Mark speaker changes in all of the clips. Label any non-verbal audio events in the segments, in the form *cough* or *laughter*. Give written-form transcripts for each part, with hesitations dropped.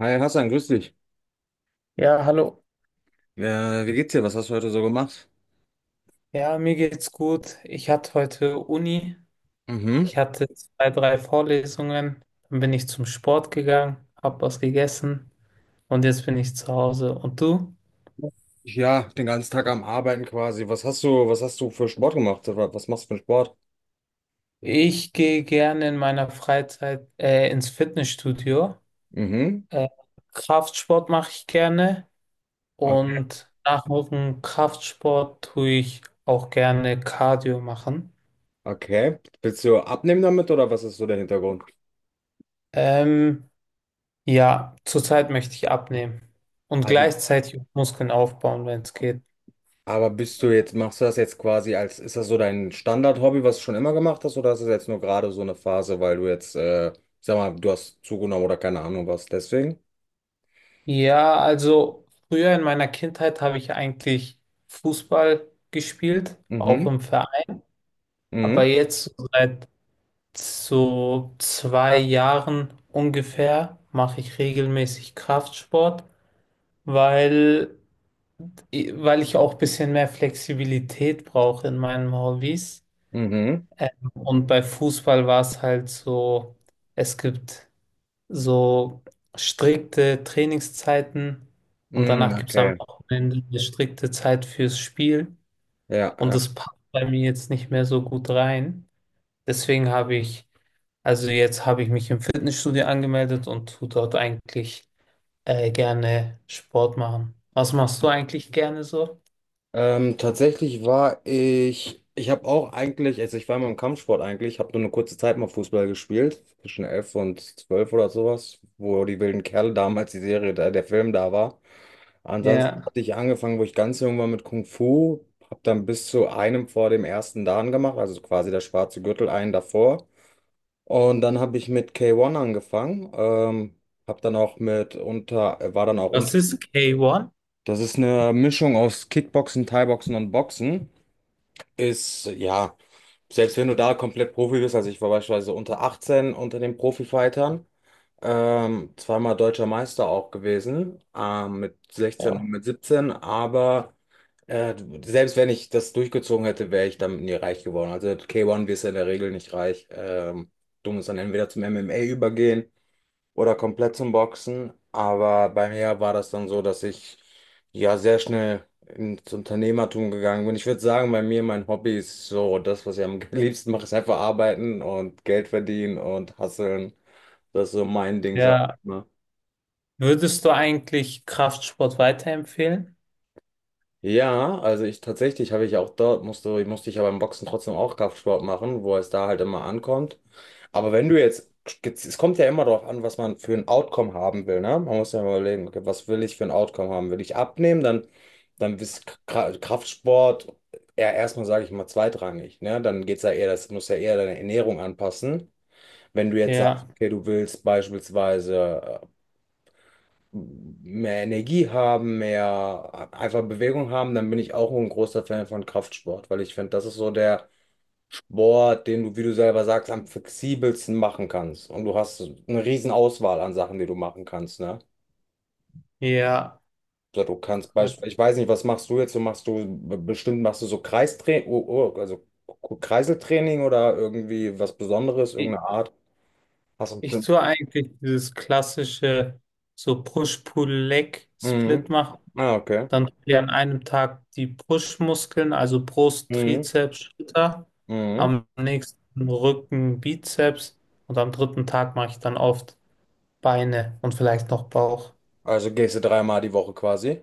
Speaker 1: Hi Hassan, grüß dich.
Speaker 2: Ja, hallo.
Speaker 1: Wie geht's dir? Was hast du heute so gemacht?
Speaker 2: Ja, mir geht's gut. Ich hatte heute Uni.
Speaker 1: Mhm.
Speaker 2: Ich hatte zwei, drei Vorlesungen. Dann bin ich zum Sport gegangen, hab was gegessen und jetzt bin ich zu Hause. Und du?
Speaker 1: Ja, den ganzen Tag am Arbeiten quasi. Was hast du für Sport gemacht? Was machst du für einen Sport?
Speaker 2: Ich gehe gerne in meiner Freizeit ins Fitnessstudio.
Speaker 1: Mhm.
Speaker 2: Äh, Kraftsport mache ich gerne
Speaker 1: Okay.
Speaker 2: und nach dem Kraftsport tue ich auch gerne Cardio machen.
Speaker 1: Okay. Willst du abnehmen damit oder was ist so der Hintergrund?
Speaker 2: Ähm, Ja, zurzeit möchte ich abnehmen und
Speaker 1: Also,
Speaker 2: gleichzeitig Muskeln aufbauen, wenn es geht.
Speaker 1: aber bist du jetzt, machst du das jetzt quasi als, ist das so dein Standard-Hobby, was du schon immer gemacht hast, oder ist das jetzt nur gerade so eine Phase, weil du jetzt, sag mal, du hast zugenommen oder keine Ahnung was, deswegen?
Speaker 2: Ja, also früher in meiner Kindheit habe ich eigentlich Fußball gespielt, auch
Speaker 1: Mhm.
Speaker 2: im Verein. Aber
Speaker 1: Mhm.
Speaker 2: jetzt so seit so 2 Jahren ungefähr mache ich regelmäßig Kraftsport, weil, weil ich auch ein bisschen mehr Flexibilität brauche in meinen Hobbys.
Speaker 1: Mhm.
Speaker 2: Und bei Fußball war es halt so, es gibt so strikte Trainingszeiten und
Speaker 1: Mhm.
Speaker 2: danach gibt es am
Speaker 1: Okay.
Speaker 2: Wochenende eine strikte Zeit fürs Spiel
Speaker 1: Ja,
Speaker 2: und
Speaker 1: ja.
Speaker 2: das passt bei mir jetzt nicht mehr so gut rein. Deswegen habe ich, also jetzt habe ich mich im Fitnessstudio angemeldet und tue dort eigentlich gerne Sport machen. Was machst du eigentlich gerne so?
Speaker 1: Tatsächlich war ich, ich habe auch eigentlich, also ich war immer im Kampfsport eigentlich, habe nur eine kurze Zeit mal Fußball gespielt, zwischen 11 und 12 oder sowas, wo die wilden Kerle damals die Serie, da, der Film da war. Ansonsten
Speaker 2: Ja.
Speaker 1: hatte ich angefangen, wo ich ganz jung war mit Kung Fu, habe dann bis zu einem vor dem ersten Dan gemacht, also quasi der schwarze Gürtel, einen davor. Und dann habe ich mit K1 angefangen, habe dann auch mit unter, war dann auch
Speaker 2: Was
Speaker 1: unter.
Speaker 2: ist K1?
Speaker 1: Das ist eine Mischung aus Kickboxen, Thaiboxen und Boxen ist, ja, selbst wenn du da komplett Profi bist, also ich war beispielsweise unter 18 unter den Profifightern, zweimal deutscher Meister auch gewesen, mit 16 und
Speaker 2: Oh.
Speaker 1: mit 17 aber äh, selbst wenn ich das durchgezogen hätte, wäre ich damit nie reich geworden. Also K1 wirst du in der Regel nicht reich. Du musst dann entweder zum MMA übergehen oder komplett zum Boxen. Aber bei mir war das dann so, dass ich ja sehr schnell ins Unternehmertum gegangen bin. Ich würde sagen, bei mir mein Hobby ist so, das, was ich am *laughs* liebsten mache, ist einfach arbeiten und Geld verdienen und hustlen. Das ist so mein Ding, sag
Speaker 2: Ja.
Speaker 1: ich mal.
Speaker 2: Würdest du eigentlich Kraftsport weiterempfehlen?
Speaker 1: Ja, also ich tatsächlich habe ich auch dort, musste ich ja beim Boxen trotzdem auch Kraftsport machen, wo es da halt immer ankommt. Aber wenn du jetzt, es kommt ja immer darauf an, was man für ein Outcome haben will, ne? Man muss ja mal überlegen, okay, was will ich für ein Outcome haben? Will ich abnehmen? Dann, dann ist Kraftsport eher erstmal, sage ich mal, zweitrangig, ne? Dann geht's ja eher, das muss ja eher deine Ernährung anpassen. Wenn du jetzt
Speaker 2: Ja.
Speaker 1: sagst, okay, du willst beispielsweise mehr Energie haben, mehr einfach Bewegung haben, dann bin ich auch ein großer Fan von Kraftsport, weil ich finde, das ist so der Sport, den du, wie du selber sagst, am flexibelsten machen kannst. Und du hast eine riesen Auswahl an Sachen, die du machen kannst, ne?
Speaker 2: Ja.
Speaker 1: So, du kannst
Speaker 2: Kraft.
Speaker 1: beispielsweise, ich weiß nicht, was machst du jetzt? Du machst du bestimmt machst du so Kreistraining, oh, oh, also Kreiseltraining oder irgendwie was Besonderes, irgendeine Art. Hast du
Speaker 2: Ich
Speaker 1: bestimmt.
Speaker 2: tue eigentlich dieses klassische so
Speaker 1: Mhm.
Speaker 2: Push-Pull-Leg-Split machen.
Speaker 1: Ah, okay.
Speaker 2: Dann tue ich an einem Tag die Push-Muskeln, also Brust,
Speaker 1: Mhm.
Speaker 2: Trizeps, Schulter.
Speaker 1: Mhm.
Speaker 2: Am nächsten Rücken, Bizeps. Und am dritten Tag mache ich dann oft Beine und vielleicht noch Bauch.
Speaker 1: Also gehst du dreimal die Woche quasi.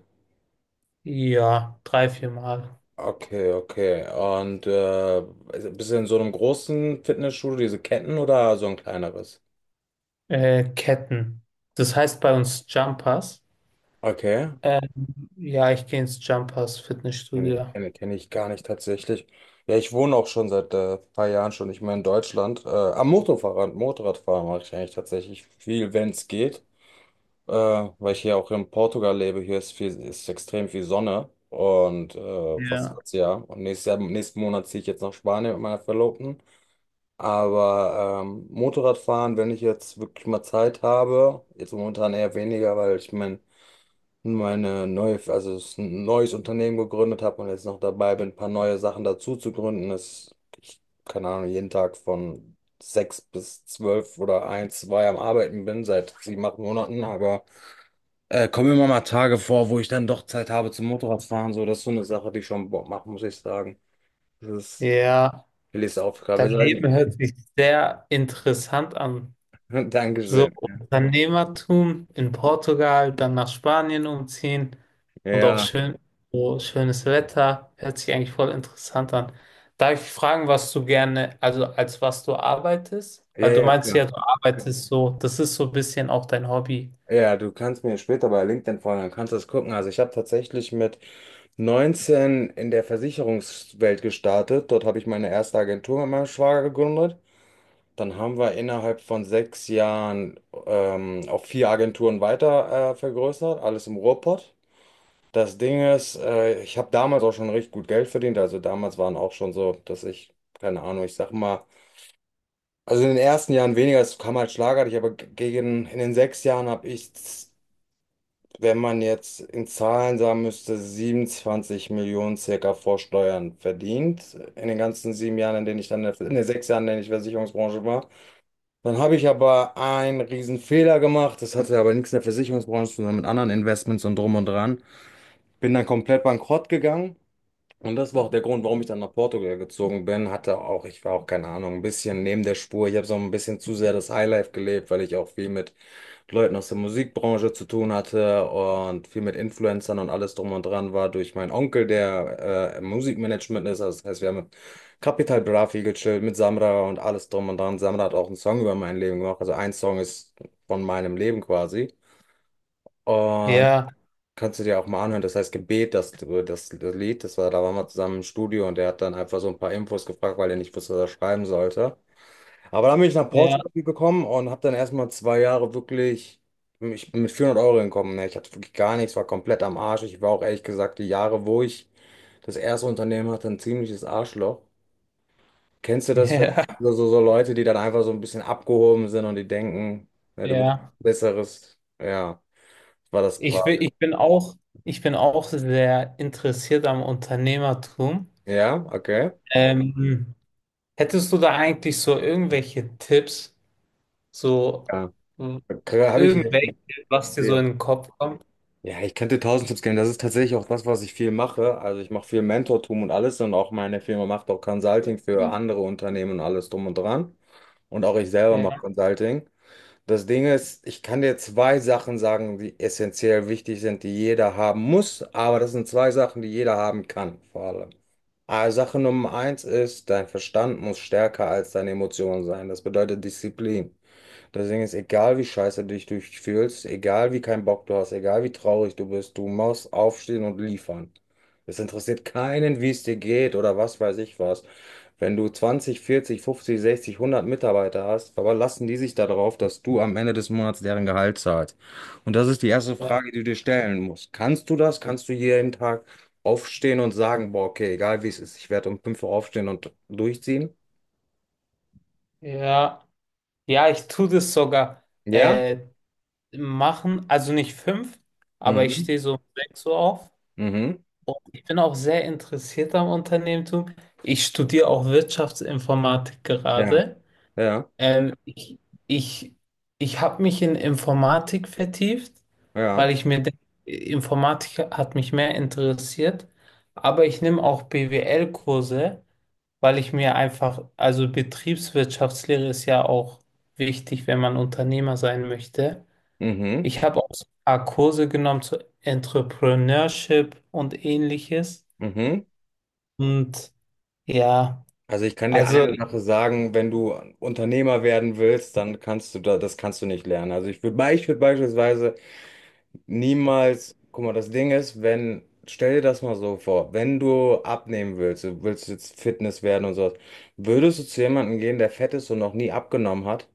Speaker 2: Ja, drei, vier Mal.
Speaker 1: Okay, okay. Und also bist du in so einem großen Fitnessstudio, diese Ketten oder so ein kleineres?
Speaker 2: Ketten. Das heißt bei uns Jumpers.
Speaker 1: Okay.
Speaker 2: Ähm, ja, ich gehe ins Jumpers
Speaker 1: Kenne
Speaker 2: Fitnessstudio.
Speaker 1: kenn, kenn kenn ich gar nicht tatsächlich. Ja, ich wohne auch schon seit paar Jahren schon nicht mehr in Deutschland. Motorradfahren mache ich eigentlich tatsächlich viel, wenn es geht. Weil ich hier auch in Portugal lebe, hier ist viel, ist extrem viel Sonne. Und fast
Speaker 2: Ja.
Speaker 1: das Jahr. Und nächstes Jahr, nächsten Monat ziehe ich jetzt nach Spanien mit meiner Verlobten. Aber Motorradfahren, wenn ich jetzt wirklich mal Zeit habe, jetzt momentan eher weniger, weil ich mein, meine neue, also es ist ein neues Unternehmen gegründet habe und jetzt noch dabei bin, ein paar neue Sachen dazu zu gründen. Das, ich, keine Ahnung, jeden Tag von sechs bis zwölf oder eins zwei am Arbeiten bin, seit sieben, acht Monaten. Aber kommen immer mal Tage vor, wo ich dann doch Zeit habe zum Motorradfahren. So, das ist so eine Sache, die schon Bock macht, muss ich sagen. Das ist
Speaker 2: Ja.
Speaker 1: Willis Aufgabe.
Speaker 2: Dein Leben hört sich sehr interessant an.
Speaker 1: *laughs*
Speaker 2: So
Speaker 1: Dankeschön.
Speaker 2: Unternehmertum in Portugal, dann nach Spanien umziehen und auch
Speaker 1: Ja.
Speaker 2: schön, so schönes Wetter, hört sich eigentlich voll interessant an. Darf ich fragen, was du gerne, also als was du arbeitest?
Speaker 1: Ja,
Speaker 2: Weil du
Speaker 1: ja,
Speaker 2: meinst
Speaker 1: klar.
Speaker 2: ja, du arbeitest so, das ist so ein bisschen auch dein Hobby.
Speaker 1: Ja, ja, du kannst mir später bei LinkedIn folgen, dann kannst du das gucken. Also ich habe tatsächlich mit 19 in der Versicherungswelt gestartet. Dort habe ich meine erste Agentur mit meinem Schwager gegründet. Dann haben wir innerhalb von 6 Jahren auf vier Agenturen weiter vergrößert, alles im Ruhrpott. Das Ding ist, ich habe damals auch schon recht gut Geld verdient. Also damals waren auch schon so, dass ich, keine Ahnung, ich sag mal, also in den ersten Jahren weniger, es kam halt schlagartig, aber gegen, in den 6 Jahren habe ich, wenn man jetzt in Zahlen sagen müsste, 27 Millionen circa vor Steuern verdient, in den ganzen 7 Jahren, in denen ich dann, in den 6 Jahren, in denen ich Versicherungsbranche war. Dann habe ich aber einen riesen Fehler gemacht. Das hatte aber nichts in der Versicherungsbranche zu tun, sondern mit anderen Investments und drum und dran. Bin dann komplett bankrott gegangen. Und das war auch der Grund, warum ich dann nach Portugal gezogen bin. Hatte auch, ich war auch, keine Ahnung, ein bisschen neben der Spur. Ich habe so ein bisschen zu sehr das Highlife gelebt, weil ich auch viel mit Leuten aus der Musikbranche zu tun hatte und viel mit Influencern und alles drum und dran war durch meinen Onkel, der im Musikmanagement ist. Also das heißt, wir haben mit Capital Bra viel gechillt, mit Samra und alles drum und dran. Samra hat auch einen Song über mein Leben gemacht. Also ein Song ist von meinem Leben quasi. Und
Speaker 2: Ja,
Speaker 1: kannst du dir auch mal anhören. Das heißt Gebet, das Lied, das war, da waren wir zusammen im Studio und der hat dann einfach so ein paar Infos gefragt, weil er nicht wusste, was er schreiben sollte. Aber dann bin ich nach
Speaker 2: ja,
Speaker 1: Portugal gekommen und habe dann erstmal 2 Jahre wirklich, ich bin mit 400 € hingekommen. Ne? Ich hatte wirklich gar nichts, war komplett am Arsch. Ich war auch ehrlich gesagt die Jahre, wo ich das erste Unternehmen hatte, ein ziemliches Arschloch. Kennst du
Speaker 2: *laughs*
Speaker 1: das, wenn
Speaker 2: ja,
Speaker 1: so Leute, die dann einfach so ein bisschen abgehoben sind und die denken, ne, du bist
Speaker 2: ja.
Speaker 1: besseres? Ja, war das
Speaker 2: Ich bin,
Speaker 1: quasi.
Speaker 2: ich bin auch, ich bin auch sehr interessiert am Unternehmertum.
Speaker 1: Ja, okay.
Speaker 2: Ähm, Hättest du da eigentlich so irgendwelche Tipps, so mh,
Speaker 1: Ja. Habe ich.
Speaker 2: irgendwelche, was dir so in den Kopf kommt?
Speaker 1: Ja, ich könnte tausend Tipps geben. Das ist tatsächlich auch das, was ich viel mache. Also ich mache viel Mentortum und alles und auch meine Firma macht auch Consulting für andere Unternehmen und alles drum und dran. Und auch ich selber mache
Speaker 2: Ja,
Speaker 1: Consulting. Das Ding ist, ich kann dir zwei Sachen sagen, die essentiell wichtig sind, die jeder haben muss, aber das sind zwei Sachen, die jeder haben kann, vor allem. Also Sache Nummer eins ist, dein Verstand muss stärker als deine Emotionen sein. Das bedeutet Disziplin. Deswegen ist egal, wie scheiße du dich durchfühlst, egal wie keinen Bock du hast, egal wie traurig du bist, du musst aufstehen und liefern. Es interessiert keinen, wie es dir geht oder was weiß ich was. Wenn du 20 40 50 60 100 Mitarbeiter hast, verlassen die sich darauf, dass du am Ende des Monats deren Gehalt zahlst. Und das ist die erste
Speaker 2: ja,
Speaker 1: Frage, die du dir stellen musst. Kannst du das? Kannst du jeden Tag aufstehen und sagen, boah, okay, egal wie es ist, ich werde um 5 Uhr aufstehen und durchziehen?
Speaker 2: ja. Ja, ich tue das sogar
Speaker 1: Ja?
Speaker 2: äh, machen, also nicht fünf, aber ich
Speaker 1: Mhm.
Speaker 2: stehe so um 6 Uhr auf
Speaker 1: Mhm.
Speaker 2: und ich bin auch sehr interessiert am Unternehmertum. Ich studiere auch Wirtschaftsinformatik
Speaker 1: Ja.
Speaker 2: gerade.
Speaker 1: Ja.
Speaker 2: Ähm, ich ich, ich habe mich in Informatik vertieft, weil
Speaker 1: Ja,
Speaker 2: ich mir denke, Informatik hat mich mehr interessiert. Aber ich nehme auch BWL-Kurse, weil ich mir einfach, also Betriebswirtschaftslehre ist ja auch wichtig, wenn man Unternehmer sein möchte.
Speaker 1: mhm,
Speaker 2: Ich habe auch so ein paar Kurse genommen zu Entrepreneurship und ähnliches.
Speaker 1: mhm.
Speaker 2: Und ja,
Speaker 1: Also ich kann dir
Speaker 2: also
Speaker 1: eine Sache sagen, wenn du Unternehmer werden willst, dann kannst du da, das kannst du nicht lernen. Also ich würde beispielsweise niemals, guck mal, das Ding ist, wenn, stell dir das mal so vor, wenn du abnehmen willst, du willst jetzt Fitness werden und sowas, würdest du zu jemandem gehen, der fett ist und noch nie abgenommen hat?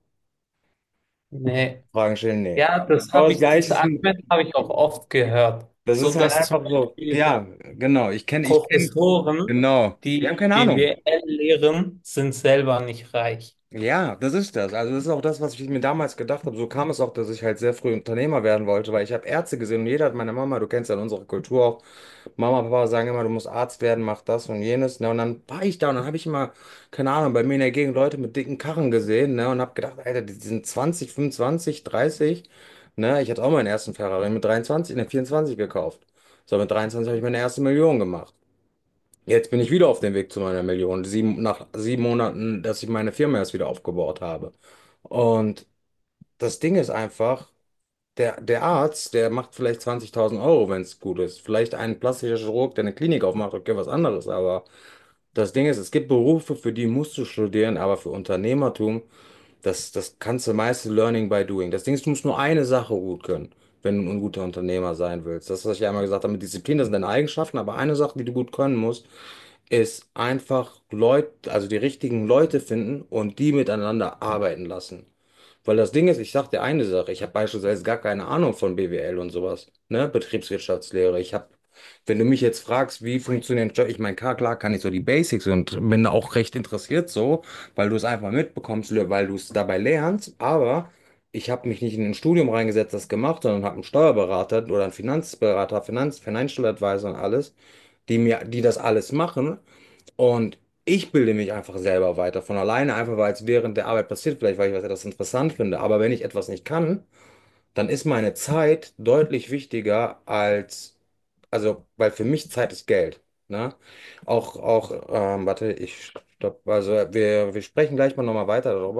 Speaker 2: ne,
Speaker 1: Fragen stellen, nee.
Speaker 2: ja, das
Speaker 1: Aber
Speaker 2: habe
Speaker 1: das
Speaker 2: ich, dieses
Speaker 1: Gleiche ist,
Speaker 2: Argument habe ich auch oft gehört.
Speaker 1: das
Speaker 2: So
Speaker 1: ist halt
Speaker 2: dass zum
Speaker 1: einfach so,
Speaker 2: Beispiel
Speaker 1: ja, genau, ich kenne,
Speaker 2: Professoren,
Speaker 1: genau, die
Speaker 2: die
Speaker 1: haben keine Ahnung.
Speaker 2: BWL lehren, sind selber nicht reich.
Speaker 1: Ja, das ist das. Also das ist auch das, was ich mir damals gedacht habe. So kam es auch, dass ich halt sehr früh Unternehmer werden wollte, weil ich habe Ärzte gesehen und jeder hat meine Mama, du kennst ja unsere Kultur auch, Mama, Papa sagen immer, du musst Arzt werden, mach das und jenes. Ne? Und dann war ich da und dann habe ich immer, keine Ahnung, bei mir in der Gegend Leute mit dicken Karren gesehen, ne? Und habe gedacht, Alter, die sind 20, 25, 30. Ne? Ich hatte auch meinen ersten Ferrari mit 23, ne, 24 gekauft. So, mit 23 habe ich meine erste Million gemacht. Jetzt bin ich wieder auf dem Weg zu meiner Million. Sieben, nach 7 Monaten, dass ich meine Firma erst wieder aufgebaut habe. Und das Ding ist einfach, der Arzt, der macht vielleicht 20.000 Euro, wenn es gut ist. Vielleicht ein plastischer Chirurg, der eine Klinik aufmacht, okay, was anderes. Aber das Ding ist, es gibt Berufe, für die musst du studieren, aber für Unternehmertum, das kannst du meiste Learning by Doing. Das Ding ist, du musst nur eine Sache gut können, wenn du ein guter Unternehmer sein willst. Das, was ich ja einmal gesagt habe mit Disziplin, das sind deine Eigenschaften, aber eine Sache, die du gut können musst, ist einfach Leute, also die richtigen Leute finden und die miteinander arbeiten lassen. Weil das Ding ist, ich sag dir eine Sache, ich habe beispielsweise gar keine Ahnung von BWL und sowas, ne, Betriebswirtschaftslehre. Ich habe, wenn du mich jetzt fragst, wie funktioniert, Jobs, ich meine, klar, klar kann ich so die Basics und bin da auch recht interessiert so, weil du es einfach mitbekommst, weil du es dabei lernst, aber ich habe mich nicht in ein Studium reingesetzt, das gemacht, sondern habe einen Steuerberater oder einen Finanzberater, Finanz, Financial Advisor und alles, die mir, die das alles machen, und ich bilde mich einfach selber weiter von alleine, einfach weil es während der Arbeit passiert, vielleicht weil ich was etwas interessant finde. Aber wenn ich etwas nicht kann, dann ist meine Zeit deutlich wichtiger als, also, weil für mich Zeit ist Geld. Ne? Warte, ich stopp, also wir sprechen gleich mal nochmal weiter darüber.